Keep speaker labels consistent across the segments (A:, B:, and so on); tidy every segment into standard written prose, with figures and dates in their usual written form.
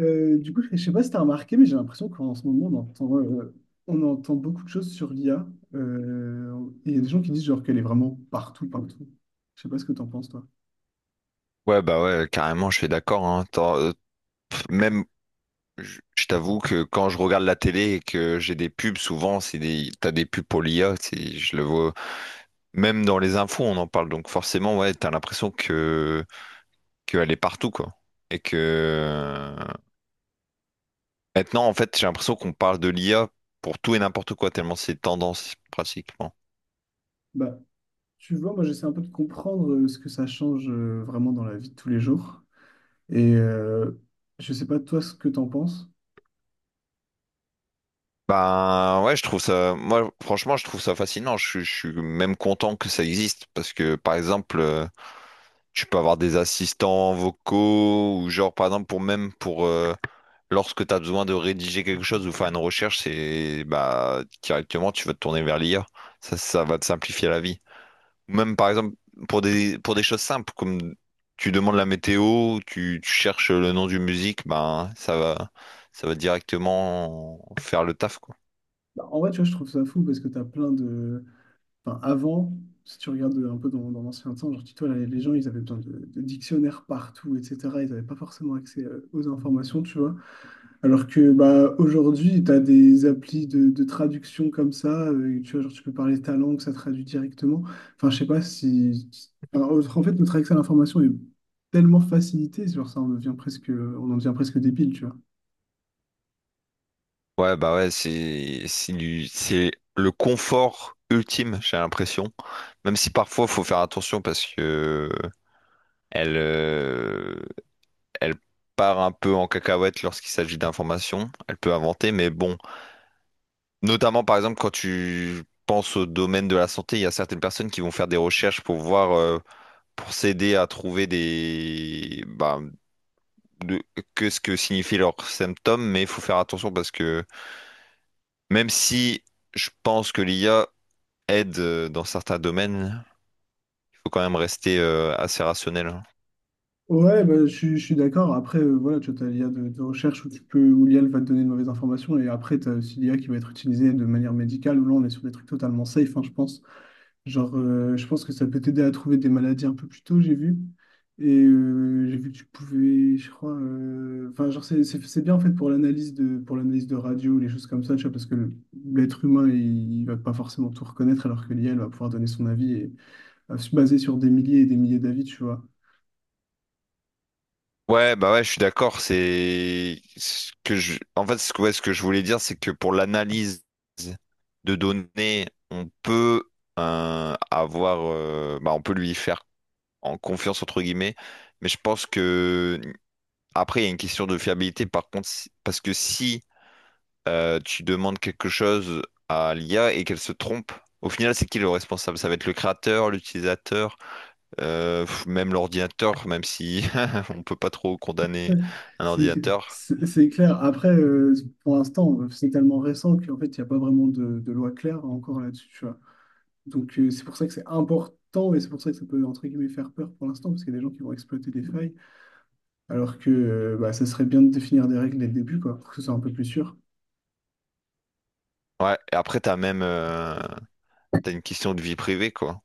A: Du coup, je sais pas si tu as remarqué, mais j'ai l'impression qu'en ce moment, on entend beaucoup de choses sur l'IA. Euh, et il y a des gens qui disent genre qu'elle est vraiment partout, partout. Je sais pas ce que tu en penses, toi.
B: Ouais, bah ouais, carrément, je suis d'accord, hein. Même, je t'avoue que quand je regarde la télé et que j'ai des pubs, souvent, t'as des pubs pour l'IA, je le vois. Même dans les infos, on en parle. Donc forcément, ouais, t'as l'impression que qu'elle est partout, quoi. Et que maintenant, en fait, j'ai l'impression qu'on parle de l'IA pour tout et n'importe quoi, tellement c'est tendance, pratiquement.
A: Bah, tu vois, moi, j'essaie un peu de comprendre ce que ça change vraiment dans la vie de tous les jours. Et je sais pas, toi, ce que tu en penses.
B: Ben ouais, je trouve ça. Moi, franchement, je trouve ça fascinant. Je suis même content que ça existe parce que, par exemple, tu peux avoir des assistants vocaux ou genre par exemple pour lorsque tu as besoin de rédiger quelque chose ou faire une recherche, c'est bah directement tu vas te tourner vers l'IA. Ça va te simplifier la vie. Ou même par exemple pour des choses simples comme tu demandes la météo, tu cherches le nom d'une musique, ben ça va directement faire le taf, quoi.
A: Bah, en vrai, tu vois, je trouve ça fou parce que tu as enfin, avant, si tu regardes un peu dans l'ancien temps, genre, dis-toi, là, les gens, ils avaient besoin de dictionnaires partout, etc. Ils n'avaient pas forcément accès aux informations, tu vois. Alors que bah, aujourd'hui, tu as des applis de traduction comme ça, tu vois, genre, tu peux parler ta langue, ça traduit directement. Enfin, je sais pas si. Alors, en fait, notre accès à l'information est tellement facilité, genre, ça, on en devient presque débile, tu vois.
B: Ouais, bah ouais, c'est le confort ultime, j'ai l'impression. Même si parfois, faut faire attention parce que elle, elle part un peu en cacahuète lorsqu'il s'agit d'informations. Elle peut inventer, mais bon. Notamment, par exemple, quand tu penses au domaine de la santé, il y a certaines personnes qui vont faire des recherches pour voir, pour s'aider à trouver de- que ce que signifient leurs symptômes, mais il faut faire attention parce que même si je pense que l'IA aide, dans certains domaines. Il faut quand même rester assez rationnel, hein.
A: Ouais, bah, je suis d'accord. Après, voilà, tu as l'IA de recherche où où l'IA va te donner de mauvaises informations. Et après, tu as aussi l'I a qui va être utilisée de manière médicale, où là, on est sur des trucs totalement safe, hein, je pense. Genre, je pense que ça peut t'aider à trouver des maladies un peu plus tôt, j'ai vu. Et j'ai vu que tu pouvais, je crois, enfin, genre, c'est bien en fait pour pour l'analyse de radio, les choses comme ça, tu vois, parce que l'être humain, il va pas forcément tout reconnaître, alors que l'IA, elle va pouvoir donner son avis et va se baser sur des milliers et des milliers d'avis, tu vois.
B: Ouais, bah ouais, je suis d'accord. C'est ce que je, en fait, ce que je voulais dire, c'est que pour l'analyse de données, on peut avoir, on peut lui faire en confiance entre guillemets. Mais je pense que après, il y a une question de fiabilité. Par contre, parce que si tu demandes quelque chose à l'IA et qu'elle se trompe, au final, c'est qui le responsable? Ça va être le créateur, l'utilisateur. Même l'ordinateur, même si on peut pas trop condamner
A: Ouais,
B: un
A: C'est
B: ordinateur.
A: c'est clair. Après, pour l'instant, c'est tellement récent qu'en fait, il n'y a pas vraiment de loi claire encore là-dessus, tu vois. Donc, c'est pour ça que c'est important et c'est pour ça que ça peut, entre guillemets, faire peur pour l'instant, parce qu'il y a des gens qui vont exploiter des failles, alors que bah, ça serait bien de définir des règles dès le début, quoi, pour que ce soit un peu plus sûr.
B: Ouais, et après, t'as une question de vie privée, quoi.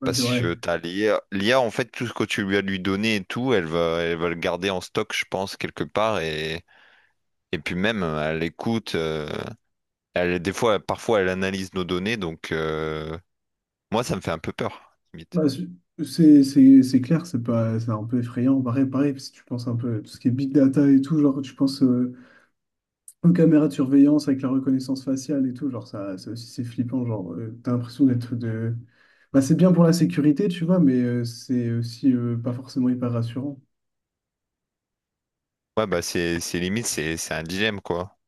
A: Ouais, c'est
B: Parce
A: vrai.
B: que t'as l'IA. L'IA, en fait, tout ce que tu lui as lui donné et tout, elle va le garder en stock, je pense, quelque part. Et puis même, elle écoute, elle, parfois, elle analyse nos données. Donc, moi, ça me fait un peu peur, limite.
A: Bah, c'est clair, c'est pas, c'est un peu effrayant. Pareil, pareil, si tu penses un peu à tout ce qui est big data et tout, genre, tu penses. Une caméra de surveillance avec la reconnaissance faciale et tout, genre ça, ça aussi c'est flippant, genre t'as l'impression d'être de. Bah, c'est bien pour la sécurité, tu vois, mais c'est aussi pas forcément hyper rassurant.
B: Ouais, bah, c'est un dilemme, quoi.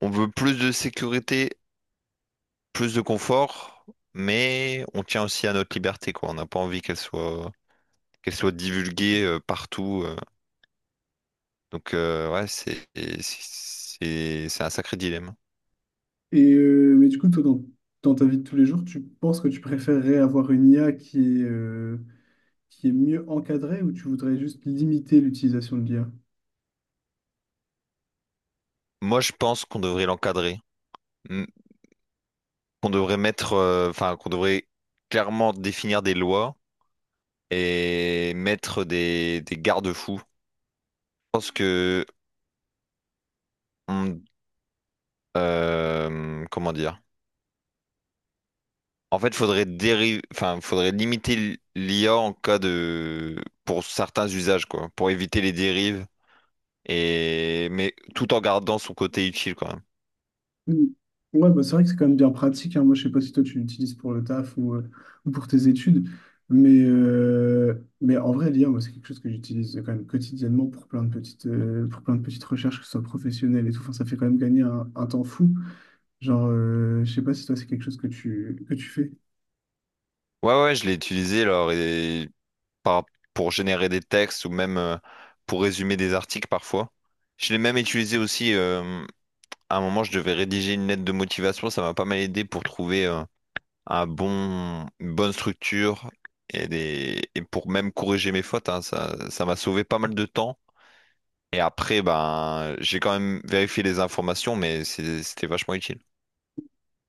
B: On veut plus de sécurité, plus de confort, mais on tient aussi à notre liberté, quoi. On n'a pas envie qu'elle soit divulguée, partout. Donc, ouais, c'est un sacré dilemme.
A: Et mais du coup, toi, dans ta vie de tous les jours, tu penses que tu préférerais avoir une IA qui est mieux encadrée ou tu voudrais juste limiter l'utilisation de l'IA?
B: Moi, je pense qu'on devrait l'encadrer, mm, qu'on devrait mettre, enfin, qu'on devrait clairement définir des lois et mettre des garde-fous. Je pense que, on- comment dire? En fait, faudrait limiter l'IA en cas de, pour certains usages, quoi, pour éviter les dérives et, mais tout en gardant son côté utile quand même.
A: Mm. Ouais, bah, c'est vrai que c'est quand même bien pratique, hein. Moi, je sais pas si toi tu l'utilises pour le taf ou pour tes études, mais, euh, mais en vrai, l'IA, moi, c'est quelque chose que j'utilise quand même quotidiennement pour plein de petites recherches, que ce soit professionnelles et tout. Enfin, ça fait quand même gagner un temps fou. Genre, je sais pas si toi, c'est quelque chose que tu fais.
B: Ouais, ouais, je l'ai utilisé alors et par- pour générer des textes ou même pour résumer des articles parfois. Je l'ai même utilisé aussi à un moment, je devais rédiger une lettre de motivation, ça m'a pas mal aidé pour trouver une bonne structure et pour même corriger mes fautes, hein, ça m'a sauvé pas mal de temps. Et après, ben, j'ai quand même vérifié les informations, mais c'était vachement utile.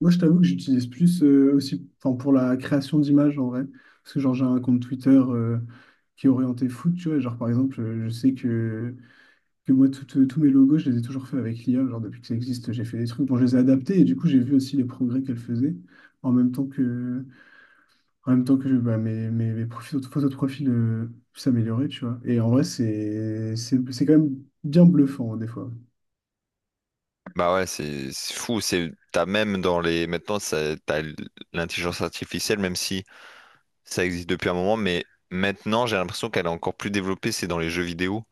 A: Moi, je t'avoue que j'utilise plus aussi enfin, pour la création d'images en vrai. Parce que, genre, j'ai un compte Twitter qui est orienté foot, tu vois. Genre, par exemple, je sais que moi, tous mes logos, je les ai toujours faits avec l'IA. Genre, depuis que ça existe, j'ai fait des trucs. Bon, je les ai adaptés et du coup, j'ai vu aussi les progrès qu'elle faisait. En même temps que, en même temps que bah, mes photos de profil s'amélioraient, tu vois. Et en vrai, c'est quand même bien bluffant, hein, des fois.
B: Bah ouais, c'est fou. C'est t'as même dans les maintenant, ça- t'as l- L'intelligence artificielle, même si ça existe depuis un moment, mais maintenant j'ai l'impression qu'elle est encore plus développée. C'est dans les jeux vidéo.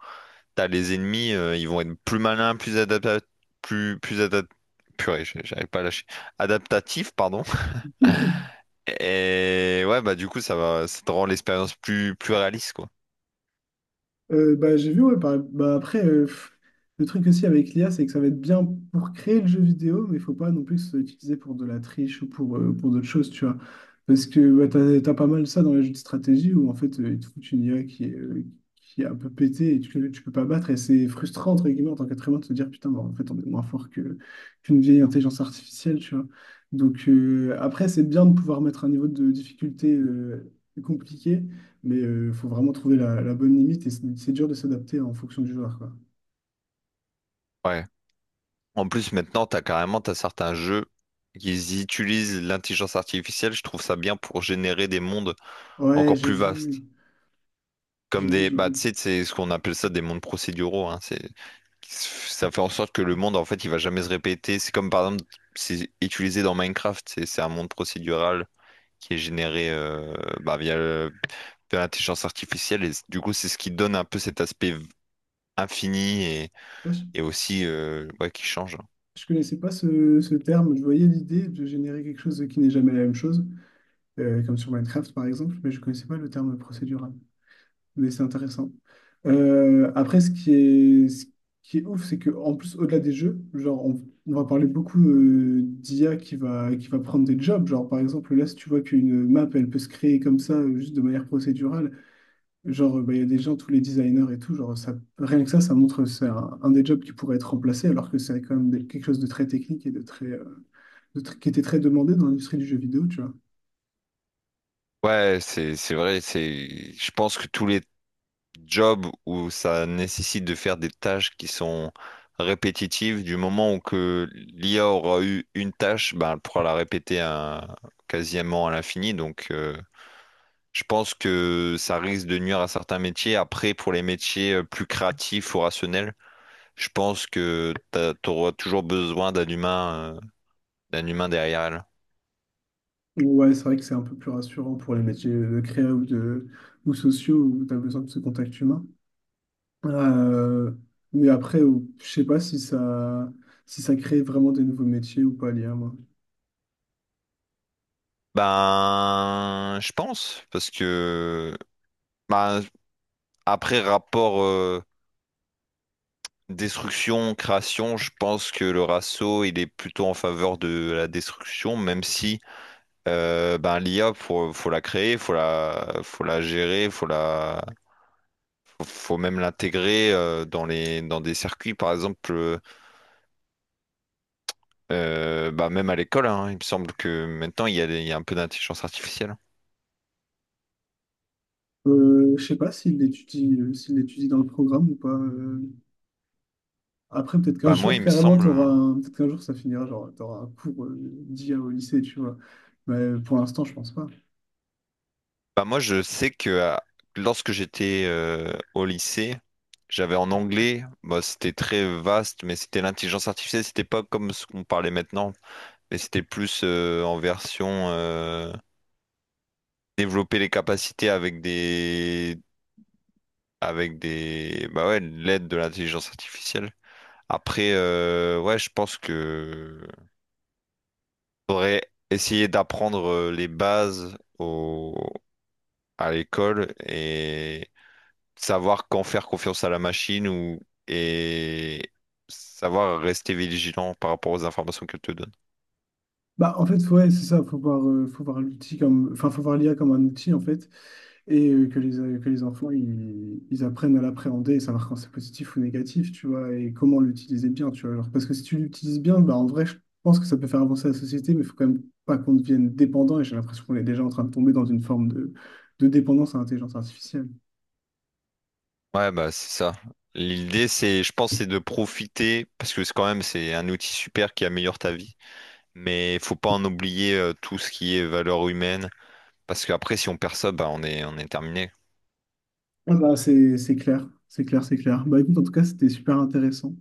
B: T'as les ennemis, ils vont être plus malins, plus adaptatifs, plus plus adap- purée, j'arrive pas à lâcher. Adaptatifs, pardon. Et ouais, bah du coup, ça te rend l'expérience plus réaliste, quoi.
A: Bah, j'ai vu, ouais, bah, après, le truc aussi avec l'IA, c'est que ça va être bien pour créer le jeu vidéo, mais il faut pas non plus que ce soit utilisé pour de la triche ou pour d'autres choses, tu vois. Parce que bah, t'as pas mal ça dans les jeux de stratégie où en fait, ils te foutent une IA qui est un peu pétée et tu peux pas battre. Et c'est frustrant, entre guillemets, en tant qu'être humain, de se dire, putain, bah, en fait, on est moins fort qu'une vieille intelligence artificielle, tu vois. Donc après, c'est bien de pouvoir mettre un niveau de difficulté compliqué. Mais il faut vraiment trouver la bonne limite et c'est dur de s'adapter en fonction du joueur, quoi.
B: Ouais. En plus, maintenant, t'as certains jeux qui utilisent l'intelligence artificielle. Je trouve ça bien pour générer des mondes,
A: Ouais,
B: encore
A: j'ai
B: plus
A: vu,
B: vaste.
A: j'ai
B: Comme
A: vu,
B: des,
A: j'ai
B: bah, tu
A: vu.
B: sais, c'est ce qu'on appelle ça des mondes procéduraux, hein. C'est, ça fait en sorte que le monde, en fait, il va jamais se répéter. C'est comme, par exemple, c'est utilisé dans Minecraft. C'est un monde procédural qui est généré, bah, de l'intelligence artificielle. Et du coup, c'est ce qui donne un peu cet aspect infini
A: Ouais, je,
B: et aussi, ouais, qui change, hein.
A: je connaissais pas ce terme. Je voyais l'idée de générer quelque chose qui n'est jamais la même chose, comme sur Minecraft par exemple, mais je connaissais pas le terme procédural. Mais c'est intéressant. Après, ce qui est ouf, c'est que en plus, au-delà des jeux, genre, on va parler beaucoup d'IA qui va prendre des jobs. Genre, par exemple, là, si tu vois qu'une map, elle peut se créer comme ça, juste de manière procédurale. Genre, bah, il y a des gens, tous les designers et tout, genre, ça, rien que ça montre que c'est un des jobs qui pourrait être remplacé, alors que c'est quand même quelque chose de très technique et de très, qui était très demandé dans l'industrie du jeu vidéo, tu vois.
B: Ouais, c'est vrai, c'est je pense que tous les jobs où ça nécessite de faire des tâches qui sont répétitives, du moment où que l'IA aura eu une tâche, ben elle pourra la quasiment à l'infini, donc je pense que ça risque de nuire à certains métiers. Après, pour les métiers, plus créatifs ou rationnels, je pense que tu auras toujours besoin d'un humain, derrière elle.
A: Ouais, c'est vrai que c'est un peu plus rassurant pour les métiers de créa ou sociaux où tu as besoin de ce contact humain. Euh, mais après, je sais pas si ça crée vraiment des nouveaux métiers ou pas, l'IA, moi.
B: Ben, je pense, parce que ben, après rapport, destruction, création, je pense que le ratio, il est plutôt en faveur de la destruction, même si ben, l'IA, faut la créer, faut la gérer, faut même l'intégrer, dans des circuits par exemple bah même à l'école, hein, il me semble que maintenant il y a, il y a un peu d'intelligence artificielle.
A: Je sais pas s'il l'étudie dans le programme ou pas. Après, peut-être qu'un
B: bah moi
A: jour,
B: il me
A: carrément,
B: semble euh,
A: peut-être qu'un jour, ça finira, genre, t'auras un cours d'IA au lycée, tu vois. Mais pour l'instant, je pense pas.
B: bah moi je sais que lorsque j'étais, au lycée, j'avais en anglais, bah, c'était très vaste mais c'était l'intelligence artificielle, c'était pas comme ce qu'on parlait maintenant, mais c'était plus, en version, développer les capacités avec des, bah ouais, l'aide de l'intelligence artificielle. Après, ouais, je pense que faudrait essayer d'apprendre, les bases à l'école et savoir quand faire confiance à la machine ou et savoir rester vigilant par rapport aux informations qu'elle te donne.
A: Bah, en fait, ouais, c'est ça, faut voir l'outil comme, enfin, faut voir l'IA comme un outil, en fait. Et que les enfants ils apprennent à l'appréhender et savoir quand c'est positif ou négatif, tu vois, et comment l'utiliser bien, tu vois. Alors, parce que si tu l'utilises bien, bah, en vrai, je pense que ça peut faire avancer la société, mais il faut quand même pas qu'on devienne dépendant, et j'ai l'impression qu'on est déjà en train de tomber dans une forme de dépendance à l'intelligence artificielle.
B: Ouais, bah c'est ça. L'idée, c'est, je pense, c'est de profiter parce que c'est quand même c'est un outil super qui améliore ta vie. Mais il faut pas en oublier, tout ce qui est valeur humaine. Parce qu'après, si on perd ça, bah, on est terminé.
A: Ah bah, c'est clair, c'est clair, c'est clair. Bah écoute, en tout cas, c'était super intéressant.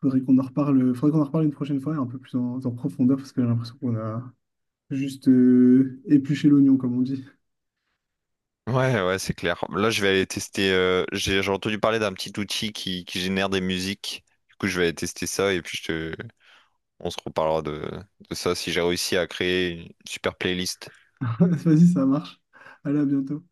A: Faudrait qu'on en reparle une prochaine fois, et un peu plus en profondeur, parce que j'ai l'impression qu'on a juste épluché l'oignon, comme on dit.
B: Ouais, ouais, c'est clair. Là, je vais aller tester. J'ai entendu parler d'un petit outil qui génère des musiques. Du coup, je vais aller tester ça et puis je te... on se reparlera de ça si j'ai réussi à créer une super playlist.
A: Vas-y, ça marche. Allez, à bientôt.